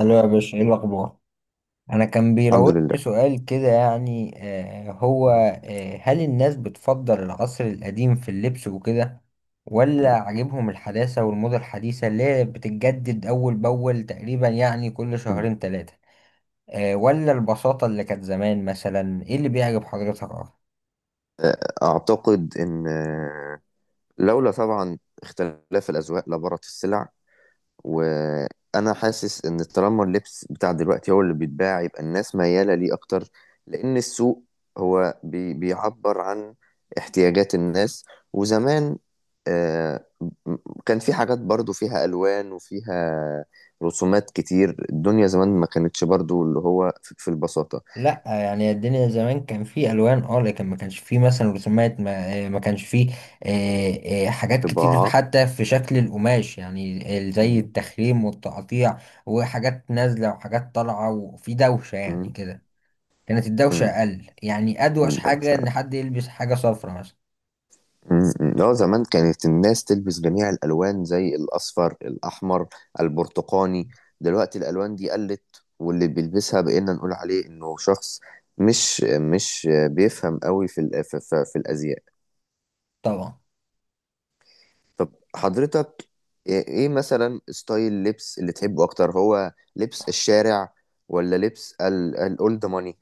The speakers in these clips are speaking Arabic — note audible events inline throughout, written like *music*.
الو يا باشا، ايه الاخبار؟ انا كان الحمد بيراودني لله. سؤال كده، يعني آه هو آه هل الناس بتفضل العصر القديم في اللبس وكده، ولا عاجبهم الحداثة والموضة الحديثة اللي هي بتتجدد اول باول؟ تقريبا يعني كل مم. شهرين ثلاثة. ولا البساطة اللي كانت زمان؟ مثلا ايه اللي بيعجب حضرتك اكتر؟ آه، أعتقد إن لولا طبعا اختلاف الأذواق لبارت السلع. وأنا حاسس إن طالما اللبس بتاع دلوقتي هو اللي بيتباع يبقى الناس ميالة ليه أكتر، لأن السوق هو بيعبر عن احتياجات الناس. وزمان آه، م- كان في حاجات برضو فيها ألوان وفيها رسومات كتير، الدنيا زمان ما كانتش برضو اللي هو في البساطة. لا، يعني الدنيا زمان كان في الوان لكن ما كانش في مثلا رسومات. ما كانش في حاجات كتير، طباعة. حتى في شكل القماش، يعني زي التخريم والتقطيع وحاجات نازله وحاجات طالعه، وفي دوشه يعني مم. كده. كانت الدوشه مم. اقل، يعني ادوش ده حاجه ان بصراحة. حد يلبس حاجه صفرا مثلا. مم. اه، زمان كانت الناس تلبس جميع الألوان زي الأصفر، الأحمر، البرتقاني. دلوقتي الألوان دي قلت، واللي بيلبسها بقينا نقول عليه إنه شخص مش بيفهم قوي في في الأزياء. طبعا. طب حضرتك إيه مثلا ستايل لبس اللي تحبه أكتر، هو لبس الشارع ولا لبس الأولد ماني؟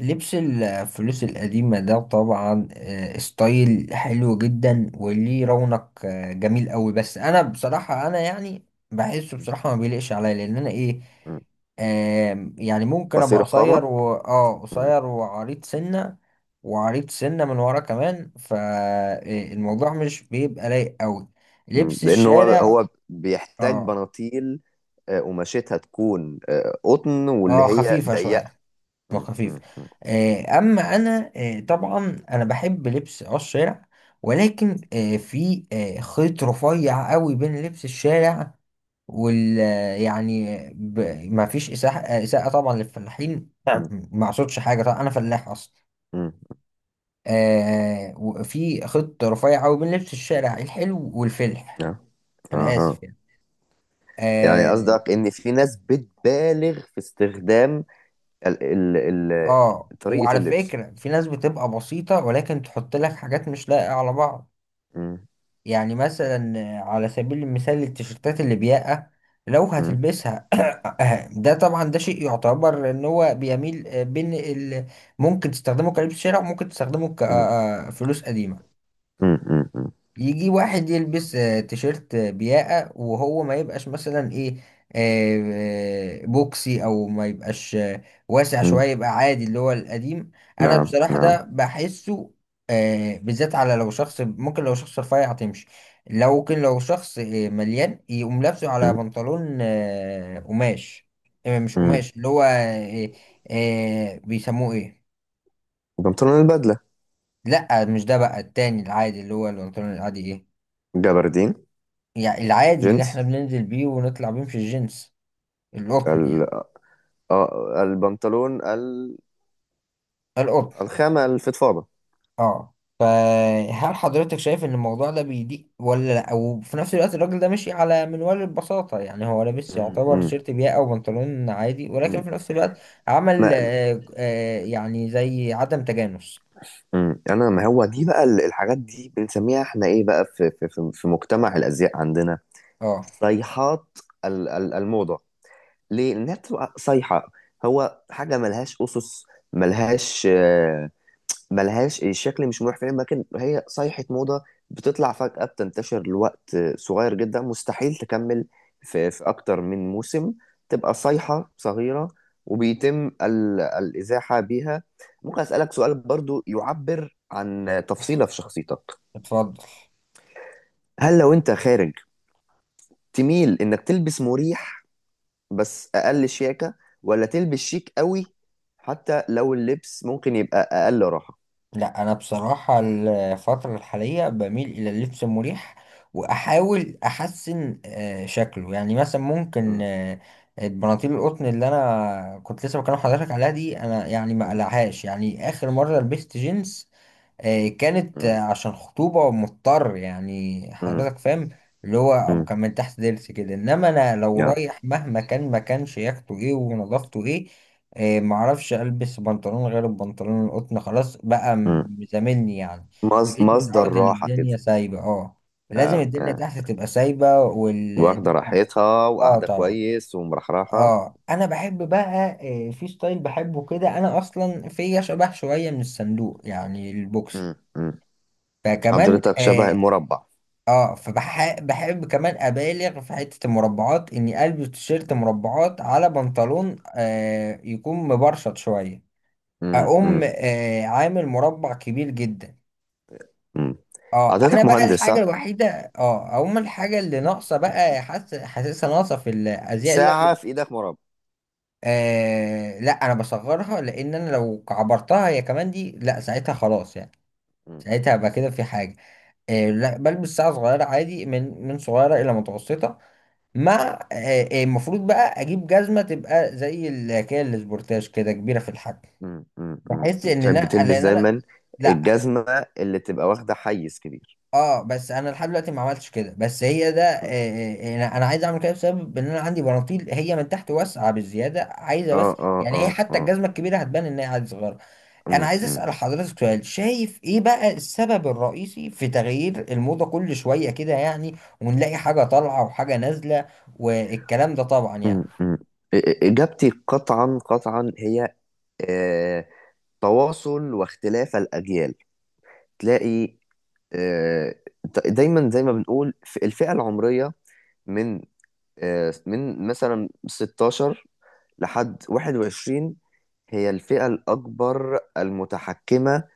لبس الفلوس القديمة ده طبعا ستايل حلو جدا وليه رونق جميل قوي، بس انا بصراحة انا يعني بحسه بصراحة ما بيليقش عليا، لان انا ايه آم، يعني ممكن ابقى قصير القامة. قصير و مم. قصير وعريض سنة، وعريض سنة من ورا كمان، فالموضوع مش بيبقى لايق قوي. لبس لأن هو الشارع، هو بيحتاج اه، بناطيل قماشتها تكون قطن واللي اه، هي خفيفة ضيقة. شوية م- وخفيف. م- م- اما انا طبعا انا بحب لبس الشارع، ولكن في خيط رفيع قوي بين لبس الشارع وال آه، يعني ما فيش اساءه، إساءة طبعا للفلاحين، نعم. م- ما اقصدش حاجه، طبعا انا فلاح اصلا. م. وفي خيط رفيع قوي بين لبس الشارع الحلو والفلح، آه، انا اها، اسف يعني. يعني اه. قصدك ان في ناس بتبالغ في استخدام ال ال ال طريقة وعلى اللبس. فكره في ناس بتبقى بسيطه ولكن تحط لك حاجات مش لايقه على بعض، م- يعني مثلا على سبيل المثال التيشيرتات البياقة لو م- هتلبسها *coughs* ده طبعا، ده شيء يعتبر ان هو بيميل بين ممكن تستخدمه كلبس شارع وممكن تستخدمه م- كفلوس قديمة. م- م- م- يجي واحد يلبس تيشيرت بياقة وهو ما يبقاش مثلا ايه آه، آه، بوكسي، او ما يبقاش واسع م. شوية، يبقى عادي اللي هو القديم. انا نعم، بصراحة ده نعم. بحسه بالذات على لو شخص، ممكن لو شخص رفيع تمشي، لو ممكن لو شخص مليان يقوم لابسه على م- بنطلون قماش، مش م. قماش اللي هو بيسموه ايه؟ البنطلون البدلة. لا، مش ده، بقى التاني العادي اللي هو البنطلون العادي ايه، جبردين. يعني العادي اللي جينز. احنا بننزل بيه ونطلع بيه، مش الجنس، ال القطن يعني، آه، البنطلون القطن. الخامة الفضفاضة. اه. فهل حضرتك شايف ان الموضوع ده بيضيق ولا لا، وفي نفس الوقت الراجل ده ماشي على منوال البساطة، يعني هو لابس م- يعتبر م- تيشيرت بياقة او بنطلون عادي، ولكن م. في نفس الوقت عمل ما يعني زي عدم تجانس؟ امم، انا ما هو دي بقى الحاجات دي بنسميها احنا ايه بقى في في مجتمع الازياء عندنا، اه، صيحات الموضه. ليه؟ لانها بتبقى صيحه، هو حاجه ملهاش اسس، ملهاش ملهاش. الشكل مش مريح فعلا، لكن هي صيحة موضة بتطلع فجأة، بتنتشر لوقت صغير جدا، مستحيل تكمل في أكتر من موسم، تبقى صيحة صغيرة وبيتم الإزاحة بيها. ممكن أسألك سؤال برضو يعبر عن تفصيلة في شخصيتك؟ اتفضل. هل لو أنت خارج تميل إنك تلبس مريح بس أقل شياكة، ولا تلبس شيك قوي حتى لو اللبس ممكن يبقى أقل راحة؟ لا، انا بصراحه الفتره الحاليه بميل الى اللبس المريح، واحاول احسن شكله، يعني مثلا ممكن م- البناطيل القطن اللي انا كنت لسه بكلم حضرتك عليها دي، انا يعني ما م- قلعهاش. يعني اخر مره لبست جينز كانت م- عشان خطوبة، مضطر يعني حضرتك فاهم، اللي هو أبو م- كان من تحت ضرس كده. إنما أنا لو م. رايح مهما كان ما كانش ياخده، إيه ونظافته إيه. معرفش ألبس بنطلون غير البنطلون القطن، خلاص بقى، مم. زاملني يعني. بقيت مصدر متعود إن راحة كده. الدنيا سايبة. أه، لازم اه، الدنيا اه، تحت تبقى سايبة واخدة والدنيا. راحتها أه وقاعدة طبعا. كويس ومرحرحة. أه، أنا بحب بقى في ستايل بحبه كده، أنا أصلا فيا شبه شوية من الصندوق، يعني البوكس، مم. مم. فكمان حضرتك شبه المربع. فبحب كمان ابالغ في حتة المربعات، اني البس تيشيرت مربعات على بنطلون يكون مبرشط شوية، مم. اقوم مم. عامل مربع كبير جدا. مم. اه، انا حضرتك بقى مهندس الحاجة صح؟ الوحيدة. اه، اقوم الحاجة اللي ناقصة بقى، حاسسها ناقصة في الازياء اللي أنا ساعة بجيبها. في ايدك مربع. لا، انا بصغرها، لان انا لو كعبرتها هي كمان دي لا ساعتها خلاص يعني، مم. ساعتها هبقى كده في حاجة. لا، بلبس ساعة صغيرة عادي، من صغيرة إلى متوسطة، مع المفروض بقى أجيب جزمة تبقى زي الحكاية السبورتاج كده، كبيرة في الحجم. مم. مم. مم. بحس إن تحب أنا، تلبس لأن أنا. دايما لا. الجزمة اللي تبقى واخدة حيز كبير. اه، بس انا لحد دلوقتي ما عملتش كده، بس هي ده مم. انا عايز اعمل كده بسبب ان انا عندي بناطيل هي من تحت واسعه بالزياده عايزه، اه بس اه يعني هي اه حتى اه الجزمه الكبيره هتبان ان هي عادي صغيره. انا مم. عايز مم. اسال حضرتك سؤال: شايف ايه بقى السبب الرئيسي في تغيير الموضه كل شويه كده يعني، ونلاقي حاجه طالعه وحاجه نازله والكلام ده طبعا يعني؟ مم. مم. إ- إ- إجابتي قطعا قطعا هي آه تواصل واختلاف الأجيال. تلاقي آه، دايما زي ما بنقول في الفئة العمرية من من مثلا 16 لحد 21 هي الفئة الأكبر المتحكمة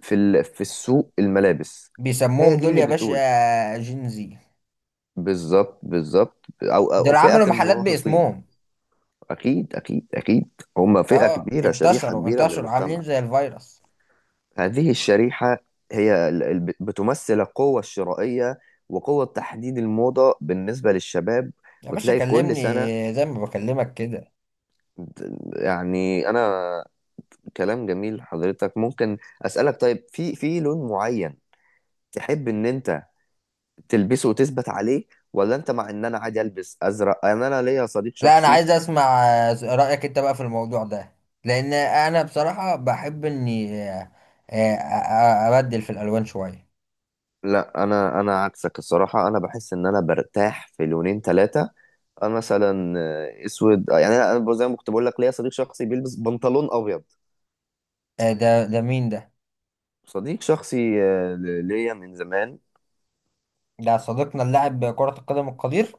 في في السوق الملابس. بيسموهم هي دي دول اللي يا بتقول. باشا جينزي. بالظبط بالظبط، أو دول فئة عملوا محلات المراهقين. باسمهم. أكيد أكيد أكيد. هم فئة اه، كبيرة، شريحة انتشروا كبيرة من انتشروا المجتمع. عاملين زي الفيروس. هذه الشريحة هي بتمثل القوة الشرائية وقوة تحديد الموضة بالنسبة للشباب. يا باشا وتلاقي كل كلمني سنة، زي ما بكلمك كده. يعني أنا كلام جميل. حضرتك ممكن أسألك، طيب في لون معين تحب إن أنت تلبسه وتثبت عليه، ولا أنت مع إن أنا عادي ألبس أزرق؟ أنا ليا صديق لا، انا شخصي. عايز اسمع رايك انت بقى في الموضوع ده، لان انا بصراحه بحب اني ابدل في الالوان شويه. لا، أنا عكسك الصراحة. أنا بحس إن أنا برتاح في لونين ثلاثة. انا مثلا اسود يعني انا زي ما كنت بقول لك ليا صديق شخصي بيلبس بنطلون ابيض. ده مين ده؟ صديق شخصي ليا من زمان. ده صديقنا اللاعب كرة القدم القدير؟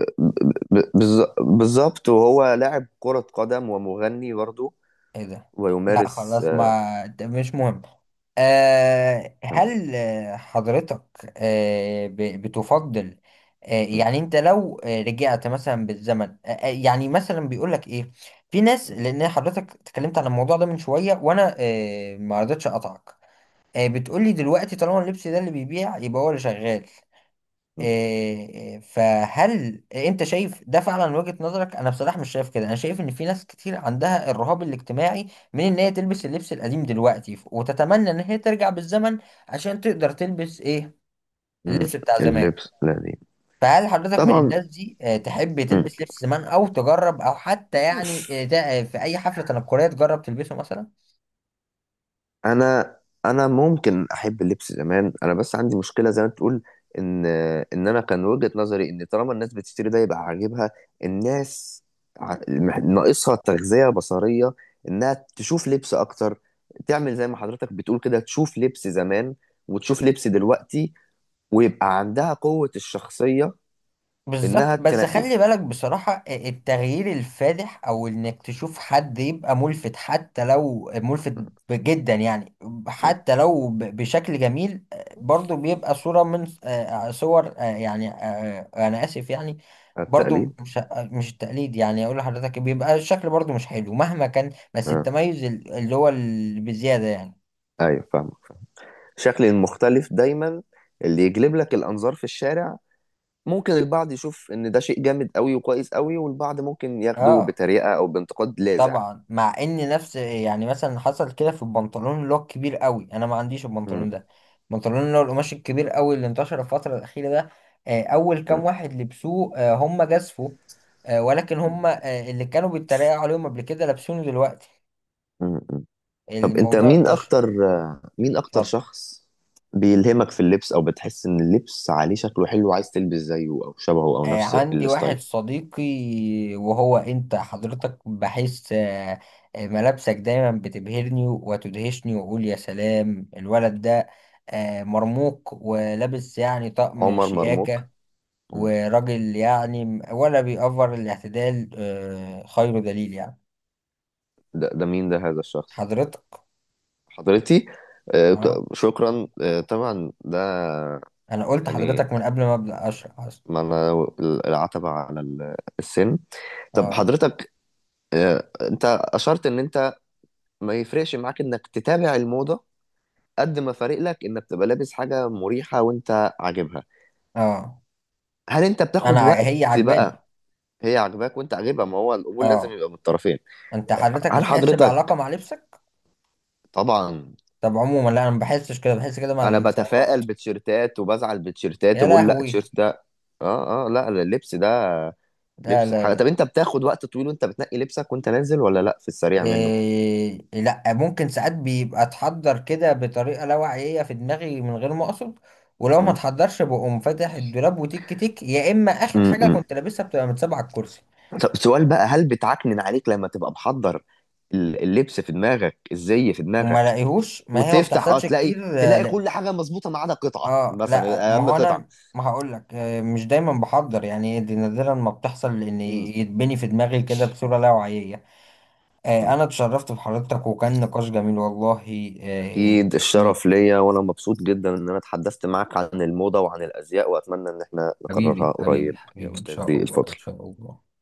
بالظبط. وهو لاعب كرة قدم ومغني برضه، ايه ده؟ لا ويمارس خلاص، ما ده مش مهم. آه تمام. هل آه، حضرتك آه ب- بتفضل. م- يعني انت لو رجعت مثلا بالزمن، يعني مثلا بيقول لك ايه في ناس، لان حضرتك اتكلمت عن الموضوع ده من شوية وانا ما رضيتش اقطعك. بتقول لي دلوقتي طالما اللبس ده اللي بيبيع يبقى هو اللي شغال. م- فهل انت شايف ده فعلا من وجهة نظرك؟ انا بصراحة مش شايف كده. انا شايف ان في ناس كتير عندها الرهاب الاجتماعي من ان هي تلبس اللبس القديم دلوقتي، وتتمنى ان هي ترجع بالزمن عشان تقدر تلبس ايه م. اللبس بتاع زمان. اللبس الذي فهل حضرتك من طبعا. الناس دي تحب م. تلبس لبس زمان او تجرب، او حتى يعني في اي حفلة تنكرية تجرب تلبسه مثلا؟ انا، ممكن احب اللبس زمان، انا بس عندي مشكله زي ما تقول ان انا كان وجهه نظري ان طالما الناس بتشتري ده يبقى عاجبها. الناس ناقصها تغذيه بصريه، انها تشوف لبس اكتر، تعمل زي ما حضرتك بتقول كده، تشوف لبس زمان وتشوف لبس دلوقتي، ويبقى عندها قوه الشخصيه بالظبط، انها بس تنقي. خلي بالك بصراحة التغيير الفادح، او انك تشوف حد يبقى ملفت حتى لو ملفت جدا يعني، م. حتى لو بشكل جميل، برضو بيبقى صورة من صور يعني، انا اسف يعني. برضو التقليد. مش التقليد يعني، اقول لحضرتك بيبقى الشكل برضو مش حلو مهما كان، بس اه، التميز اللي هو اللي بزيادة يعني. ايوه فاهم، شكل المختلف دايما اللي يجلب لك الانظار في الشارع. ممكن البعض يشوف ان ده شيء جامد قوي وكويس قوي، والبعض ممكن ياخده اه بطريقه او بانتقاد لاذع. طبعا. مع ان نفس يعني، مثلا حصل كده في البنطلون اللي هو الكبير قوي، انا ما عنديش مم. البنطلون ده، البنطلون اللي هو القماش الكبير قوي اللي انتشر الفتره الاخيره ده. اول كام مم. واحد لبسوه هم جازفوا، ولكن هم، اللي كانوا بيتريقوا عليهم قبل كده لابسينه دلوقتي، مم. مم. طب انت الموضوع مين انتشر. اكتر، مين اكتر اتفضل. شخص بيلهمك في اللبس، او بتحس ان اللبس عليه شكله حلو وعايز تلبس زيه او شبهه او نفس عندي واحد الستايل؟ صديقي، وهو انت حضرتك، بحس ملابسك دايما بتبهرني وتدهشني، واقول يا سلام الولد ده مرموق ولابس يعني طقم عمر مرموك. شياكة، مم. وراجل يعني، ولا بيأفر الاعتدال خير دليل يعني. ده مين ده، هذا الشخص؟ حضرتك. حضرتي؟ اه، شكرا. طبعا ده انا قلت يعني، حضرتك من قبل ما ابدأ اشرح اصلا. ما انا العتبة على السن. طب اه، حضرتك انت اشرت ان انت ما يفرقش معاك انك تتابع الموضة قد ما فارق لك انك تبقى لابس حاجة مريحة وانت عاجبها. اه، هل انت انا بتاخد وقت هي عجباني. بقى؟ هي عاجباك وانت عاجبها، ما هو القبول لازم اه. يبقى من الطرفين. انت حضرتك هل بتحس بعلاقة حضرتك مع لبسك؟ طبعا طب عموما لا، انا ما بحسش كده، بحس كده مع انا السيارات. بتفائل بتيشيرتات وبزعل بتيشيرتات يا وبقول لا لهوي. التيشيرت ده، اه اه لا اللبس ده لا لبس لا حاجة. طب لا. انت بتاخد وقت طويل وانت بتنقي لبسك وانت نازل، ولا لا، في السريع منه؟ إيه، لا، ممكن ساعات بيبقى اتحضر كده بطريقه لا واعيه في دماغي من غير ما اقصد. ولو ما مم. اتحضرش بقوم فاتح الدولاب وتيك تيك، يا اما اخر مم. حاجه مم. كنت لابسها بتبقى متسابه على الكرسي طب سؤال بقى، هل بتعكنن عليك لما تبقى محضر اللبس في دماغك، الزي في وما دماغك، لاقيهوش، ما هي ما وتفتح اه بتحصلش تلاقي كتير. لا. كل حاجه مظبوطه ما عدا قطعه، اه، لا، مثلا ما اهم هو قطعه؟ انا ما هقول لك مش دايما بحضر يعني، دي نادرا ما بتحصل لان مم. يتبني في دماغي كده بصوره لا واعيه. مم. أنا اتشرفت بحضرتك وكان نقاش جميل والله. آه، أكيد يعني الشرف ليا، وأنا مبسوط جدا إن أنا اتحدثت معك عن الموضة وعن الأزياء، وأتمنى إن احنا نكررها حبيبي حبيبي قريب يا حبيبي، إن شاء أستاذي الله الفاضل. إن شاء الله.